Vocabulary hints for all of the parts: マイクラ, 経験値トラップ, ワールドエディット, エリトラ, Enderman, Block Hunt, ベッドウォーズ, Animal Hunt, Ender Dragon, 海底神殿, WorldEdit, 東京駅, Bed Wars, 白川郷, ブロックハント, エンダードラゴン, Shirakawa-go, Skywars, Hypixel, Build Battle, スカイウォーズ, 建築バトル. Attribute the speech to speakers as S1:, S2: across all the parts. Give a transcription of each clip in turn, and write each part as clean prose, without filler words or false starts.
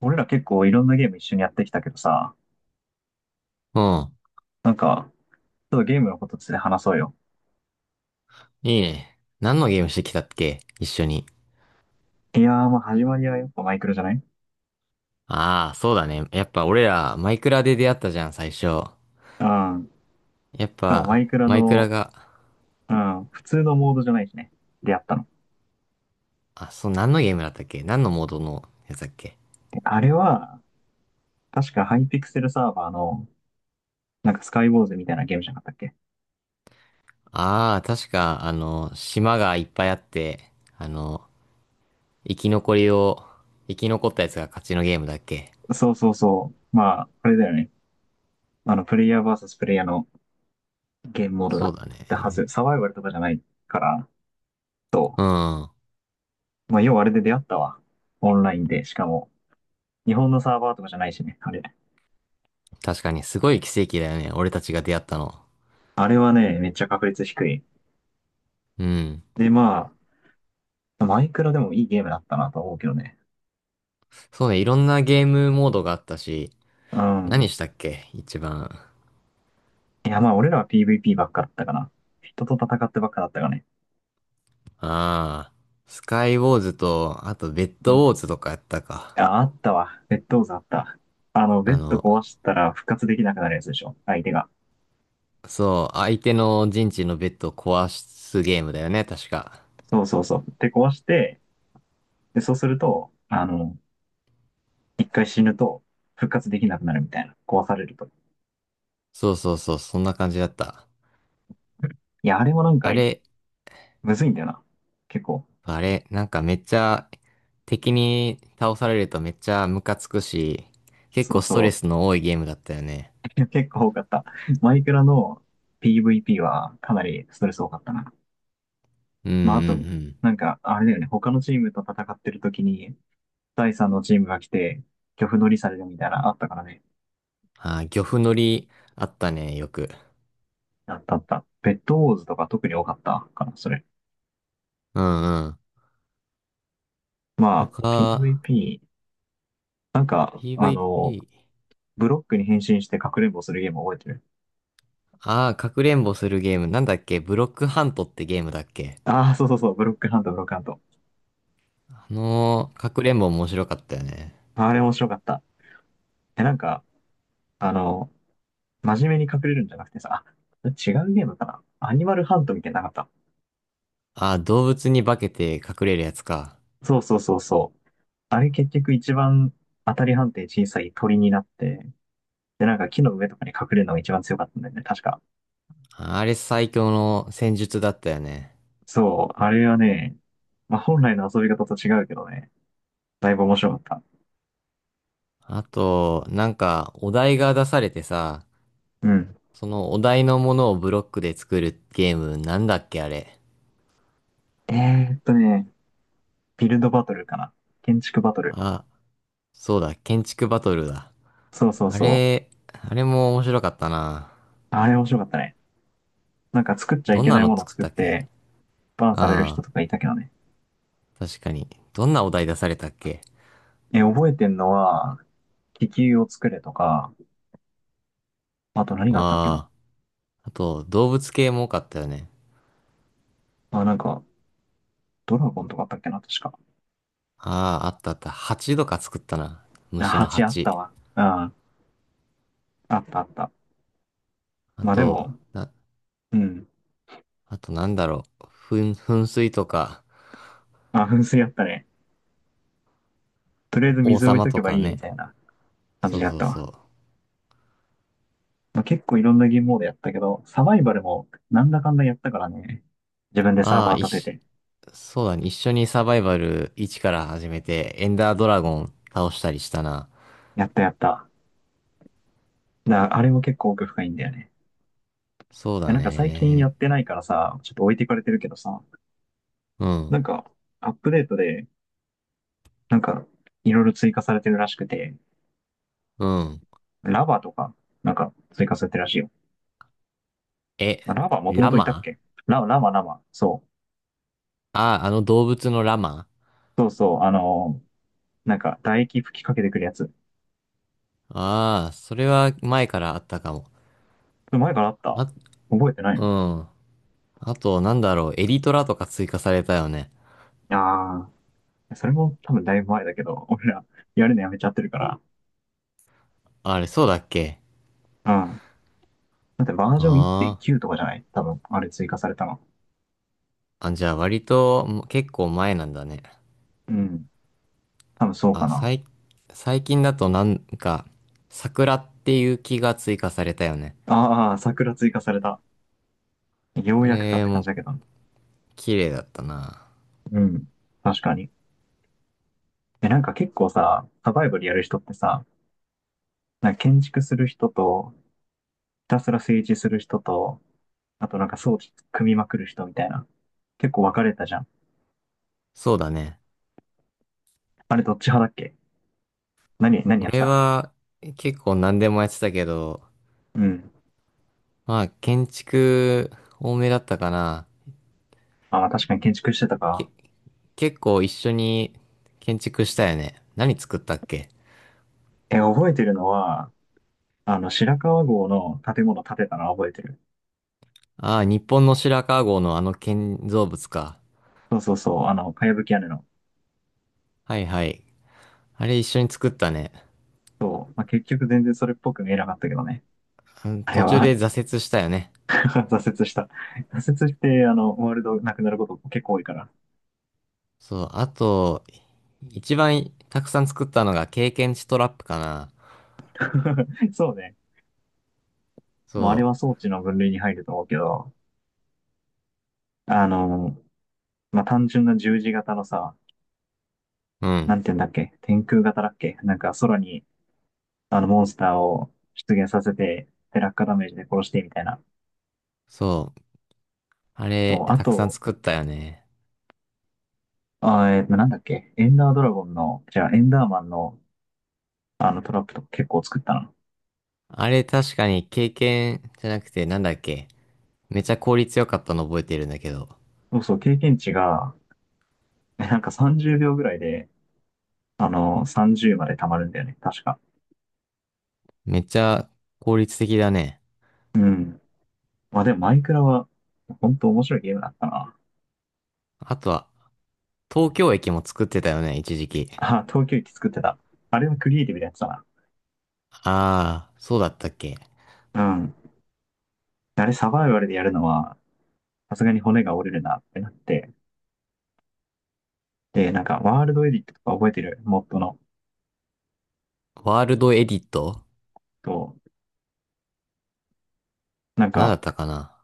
S1: 俺ら結構いろんなゲーム一緒にやってきたけどさ、
S2: うん。
S1: なんか、ちょっとゲームのことついて話そうよ。
S2: いいね。何のゲームしてきたっけ一緒に？
S1: いやー、まあ始まりはやっぱマイクラじゃない？
S2: ああ、そうだね。やっぱ俺ら、マイクラで出会ったじゃん、最初。
S1: うん。
S2: やっ
S1: しかもマ
S2: ぱ、
S1: イクラ
S2: マイクラ
S1: の、
S2: が、
S1: うん、普通のモードじゃないしね。出会ったの。
S2: あ、そう、何のゲームだったっけ？何のモードのやつだっけ？
S1: で、あれは、確かハイピクセルサーバーの、なんかスカイウォーズみたいなゲームじゃなかったっけ？
S2: ああー、確か、島がいっぱいあって、あの、生き残りを、生き残ったやつが勝ちのゲームだっけ？
S1: そうそうそう。まあ、あれだよね。あの、プレイヤー VS プレイヤーのゲームモードだ
S2: そう
S1: っ
S2: だ
S1: たはず。
S2: ね。
S1: サバイバルとかじゃないから、と。
S2: うん。
S1: まあ、要はあれで出会ったわ。オンラインで。しかも、日本のサーバーとかじゃないしね、あれ。
S2: 確かに、すごい奇跡だよね。俺たちが出会ったの。
S1: あれはね、めっちゃ確率低い。
S2: うん。
S1: で、まあ、マイクラでもいいゲームだったなと思うけどね。
S2: そうね、いろんなゲームモードがあったし、
S1: うん。
S2: 何したっけ一番？
S1: いや、まあ、俺らは PVP ばっかだったかな。人と戦ってばっかだったかね。
S2: ああ、スカイウォーズと、あとベッ
S1: う
S2: ド
S1: ん。
S2: ウォーズとかやったか。
S1: あ、あったわ。ベッドウザあった。あの、ベ
S2: あ
S1: ッド
S2: の、
S1: 壊したら復活できなくなるやつでしょ。相手が。
S2: そう、相手の陣地のベッドを壊すゲームだよね、確か。
S1: そうそうそう。で、壊して、で、そうすると、あの、一回死ぬと復活できなくなるみたいな。壊されると。
S2: そうそうそう、そんな感じだった。
S1: いや、あれもなんか、
S2: あれ、
S1: むずいんだよな。結構。
S2: あれ、なんかめっちゃ、敵に倒されるとめっちゃムカつくし、結
S1: そ
S2: 構
S1: う
S2: ストレ
S1: そ
S2: ス
S1: う。
S2: の多いゲームだったよね。
S1: 結構多かった。マイクラの PVP はかなりストレス多かったな。
S2: うんうんう
S1: まあ、あと、
S2: ん。
S1: あれだよね、他のチームと戦ってる時に、第3のチームが来て、漁夫乗りされるみたいな、あったからね。
S2: ああ、漁夫乗りあったね、よく。
S1: あったあった。ベッドウォーズとか特に多かったかな、それ。
S2: うんうん。
S1: まあ、
S2: 他、
S1: PVP、あの、
S2: PVP。
S1: ブロックに変身してかくれんぼするゲーム覚えてる？
S2: ああ、かくれんぼするゲーム。なんだっけ？ブロックハントってゲームだっけ？
S1: ああー、そうそうそう、ブロックハント、ブロックハント。
S2: かくれんぼ面白かったよね。
S1: あれ面白かった。え、なんか、あの、真面目に隠れるんじゃなくてさ、あ、違うゲームかな？アニマルハントみたいなのなかった？
S2: ああ、動物に化けて隠れるやつか。
S1: そうそうそうそう。あれ結局一番当たり判定小さい鳥になって、で、なんか木の上とかに隠れるのが一番強かったんだよね、確か。
S2: あれ最強の戦術だったよね。
S1: そう、あれはね、まあ、本来の遊び方と違うけどね、だいぶ面白かった。
S2: あと、なんか、お題が出されてさ、
S1: うん。
S2: そのお題のものをブロックで作るゲーム、なんだっけあれ。
S1: えーっとね、ビルドバトルかな。建築バトル。
S2: あ、そうだ、建築バトルだ。
S1: そうそう
S2: あ
S1: そう。
S2: れ、あれも面白かったな。
S1: あれ面白かったね。なんか作っちゃい
S2: どん
S1: け
S2: な
S1: ない
S2: の
S1: ものを
S2: 作っ
S1: 作っ
S2: たっけ？
S1: て、バンされる人
S2: ああ、
S1: とかいたけどね。
S2: 確かに。どんなお題出されたっけ？
S1: え、覚えてんのは、気球を作れとか、あと何があったっけな。
S2: ああ、あと、動物系も多かったよね。
S1: あ、なんか、ドラゴンとかあったっけな、確か。
S2: ああ、あったあった。蜂とか作ったな。
S1: あ、
S2: 虫の
S1: 蜂あった
S2: 蜂。
S1: わ。あ、あったあった。
S2: あ
S1: まあで
S2: と、
S1: も、
S2: な、
S1: うん。
S2: あとなんだろう。噴水とか、
S1: あ、噴水あったね。とりあえ
S2: お
S1: ず
S2: 王
S1: 水置い
S2: 様
S1: とけ
S2: と
S1: ば
S2: か
S1: いいみた
S2: ね。
S1: いな感
S2: そ
S1: じ
S2: う
S1: でやっ
S2: そう
S1: たわ。
S2: そう。
S1: まあ、結構いろんなゲームモードやったけど、サバイバルもなんだかんだやったからね。自分でサー
S2: ああ、
S1: バー立てて。
S2: そうだね。一緒にサバイバル1から始めて、エンダードラゴン倒したりしたな。
S1: やったやった。だからあれも結構奥深いんだよね。
S2: そうだ
S1: 最近
S2: ね。
S1: やってないからさ、ちょっと置いてかれてるけどさ、
S2: う
S1: な
S2: ん、
S1: んかアップデートで、なんかいろいろ追加されてるらしくて、
S2: うん。
S1: ラバとか、なんか追加されてるらしいよ。
S2: え、
S1: まあラバもとも
S2: ラ
S1: といたっ
S2: マ？
S1: け？ラバ、ラバ。そう。
S2: ああ、あの動物のラマ？
S1: そうそう、あのーなんか唾液吹きかけてくるやつ。
S2: ああ、それは前からあったかも。
S1: 前からあった？
S2: あ、
S1: 覚えてない
S2: う
S1: の？
S2: ん。あと、なんだろう、エリトラとか追加されたよね。
S1: ああー、それも多分だいぶ前だけど、俺らやるのやめちゃってるから。
S2: あれ、そうだっけ？
S1: うん。だってバージョン
S2: あ
S1: 1.9とかじゃない？多分、あれ追加されたの。
S2: ーあ、じゃあ割とも結構前なんだね。
S1: うん。多分そうか
S2: あ、
S1: な。
S2: 最、最近だとなんか、桜っていう木が追加されたよね。
S1: ああ、桜追加された。よ
S2: あ
S1: うやくかっ
S2: れ
S1: て感じ
S2: も
S1: だけど。
S2: 綺麗だったな。
S1: うん。確かに。え、なんか結構さ、サバイバルやる人ってさ、なんか建築する人と、たすら政治する人と、あとなんか装置組みまくる人みたいな。結構分かれたじゃん。
S2: そうだね。
S1: あれどっち派だっけ？何やって
S2: 俺
S1: た？
S2: は結構何でもやってたけど、
S1: うん。
S2: まあ建築多めだったかな。
S1: あ、まあ確かに建築してたか。
S2: け、結構一緒に建築したよね。何作ったっけ？
S1: え、覚えてるのは、あの、白川郷の建物建てたのは覚えてる。
S2: ああ、日本の白川郷のあの建造物か。
S1: そうそうそう、あの、かやぶき屋根の。
S2: はいはい。あれ一緒に作ったね。
S1: そう。まあ結局全然それっぽく見えなかったけどね。
S2: うん
S1: あれ
S2: 途中
S1: は、
S2: で挫折したよね。
S1: 挫折した。挫折して、あの、ワールドなくなること結構多いから。
S2: そう、あと、一番たくさん作ったのが経験値トラップかな。
S1: そうね。
S2: そ
S1: もうあれは装置の分類に入ると思うけど、あの、まあ、単純な十字型のさ、
S2: う、う
S1: な
S2: ん。
S1: んて言うんだっけ？天空型だっけ？なんか空にあのモンスターを出現させて、で落下ダメージで殺してみたいな。
S2: そう。あ
S1: そ
S2: れ、
S1: うあ
S2: たくさん
S1: と、
S2: 作ったよね。
S1: なんだっけ？エンダードラゴンの、じゃあエンダーマンのあのトラップとか結構作ったな。
S2: あれ確かに経験じゃなくてなんだっけ？めっちゃ効率良かったの覚えてるんだけど。
S1: そうそう、経験値が、なんか30秒ぐらいで、あの、30まで溜まるんだよね、確か。
S2: めっちゃ効率的だね。
S1: うん。まあでもマイクラは、ほんと面白いゲームだったな。
S2: あとは、東京駅も作ってたよね、一時期。
S1: あ、東京駅作ってた。あれはクリエイティブなやつだ
S2: ああ、そうだったっけ？
S1: な。うん。あれサバイバルでやるのは、さすがに骨が折れるなってなって、で、なんか、ワールドエディットとか覚えてる？モッドの。
S2: ワールドエディット
S1: と、なん
S2: 何だ
S1: か、
S2: ったかな？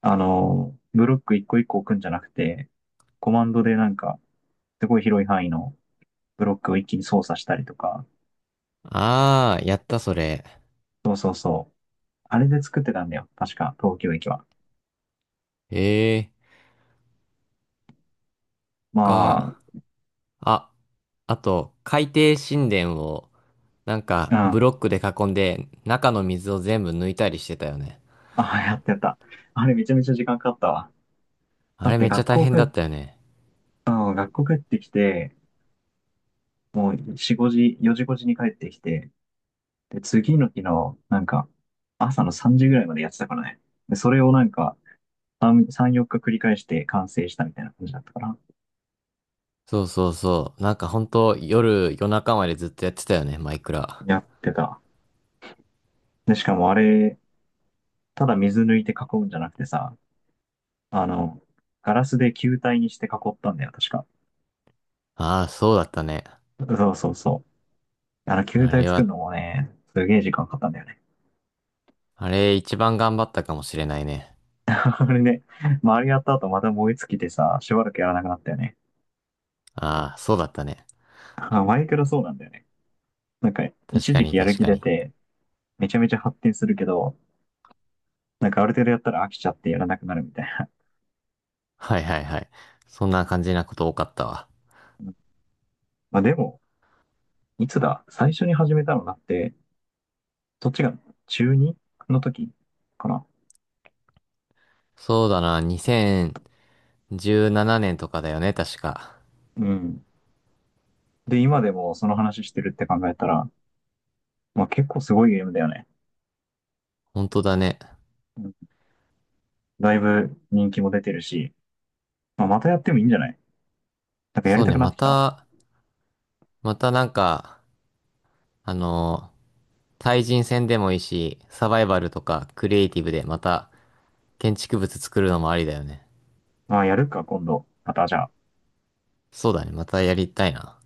S1: あのーブロック一個一個置くんじゃなくて、コマンドでなんか、すごい広い範囲のブロックを一気に操作したりとか、
S2: あー、やったそれ。
S1: そうそうそう。あれで作ってたんだよ。確か、東京駅は。
S2: ええ
S1: まあ、
S2: か？あ、あと、海底神殿を、なん
S1: う
S2: か、ブ
S1: ん。
S2: ロックで囲んで、中の水を全部抜いたりしてたよね。
S1: あ、やってた。あれめちゃめちゃ時間かかったわ。
S2: あ
S1: だっ
S2: れ
S1: て
S2: めっちゃ
S1: 学
S2: 大
S1: 校
S2: 変
S1: 帰
S2: だ
S1: っ、
S2: ったよね。
S1: あの学校帰ってきて、もう4 5時に帰ってきて、で、次の日の、なんか、朝の3時ぐらいまでやってたからね。で、それをなんか、3、4日繰り返して完成したみたいな感じだったから、
S2: そうそうそう。なんかほんと、夜中までずっとやってたよね、マイクラ。
S1: やってた。で、しかもあれ、ただ水抜いて囲うんじゃなくてさ、あの、ガラスで球体にして囲ったんだよ、確か。
S2: ああ、そうだったね。
S1: そうそうそう。あの、球
S2: あ
S1: 体
S2: れ
S1: 作る
S2: は、
S1: のもね、すげえ時間かかったんだよね。
S2: あれ一番頑張ったかもしれないね。
S1: あれね、まあ、あれやった後また燃え尽きてさ、しばらくやらなくなったよね。
S2: ああ、そうだったね。
S1: あ、マイクラそうなんだよね。なんか、
S2: 確
S1: 一
S2: か
S1: 時
S2: に
S1: 期やる
S2: 確
S1: 気
S2: か
S1: 出
S2: に。
S1: て、めちゃめちゃ発展するけど、なんかある程度やったら飽きちゃってやらなくなるみたいな。
S2: はいはいはい。そんな感じなこと多かったわ。
S1: うん。まあでも、いつだ、最初に始めたのだって、そっちが中2の時かな。
S2: そうだな、2017年とかだよね、確か。
S1: うん。で、今でもその話してるって考えたら、まあ結構すごいゲームだよね。
S2: 本当だね。
S1: うん。だいぶ人気も出てるし、まあまたやってもいいんじゃない？なんかやり
S2: そう
S1: た
S2: ね、
S1: くなってきたわ。
S2: またなんか、あのー対人戦でもいいし、サバイバルとかクリエイティブでまた建築物作るのもありだよね。
S1: まあやるか、今度。またじゃあ。
S2: そうだね、またやりたいな。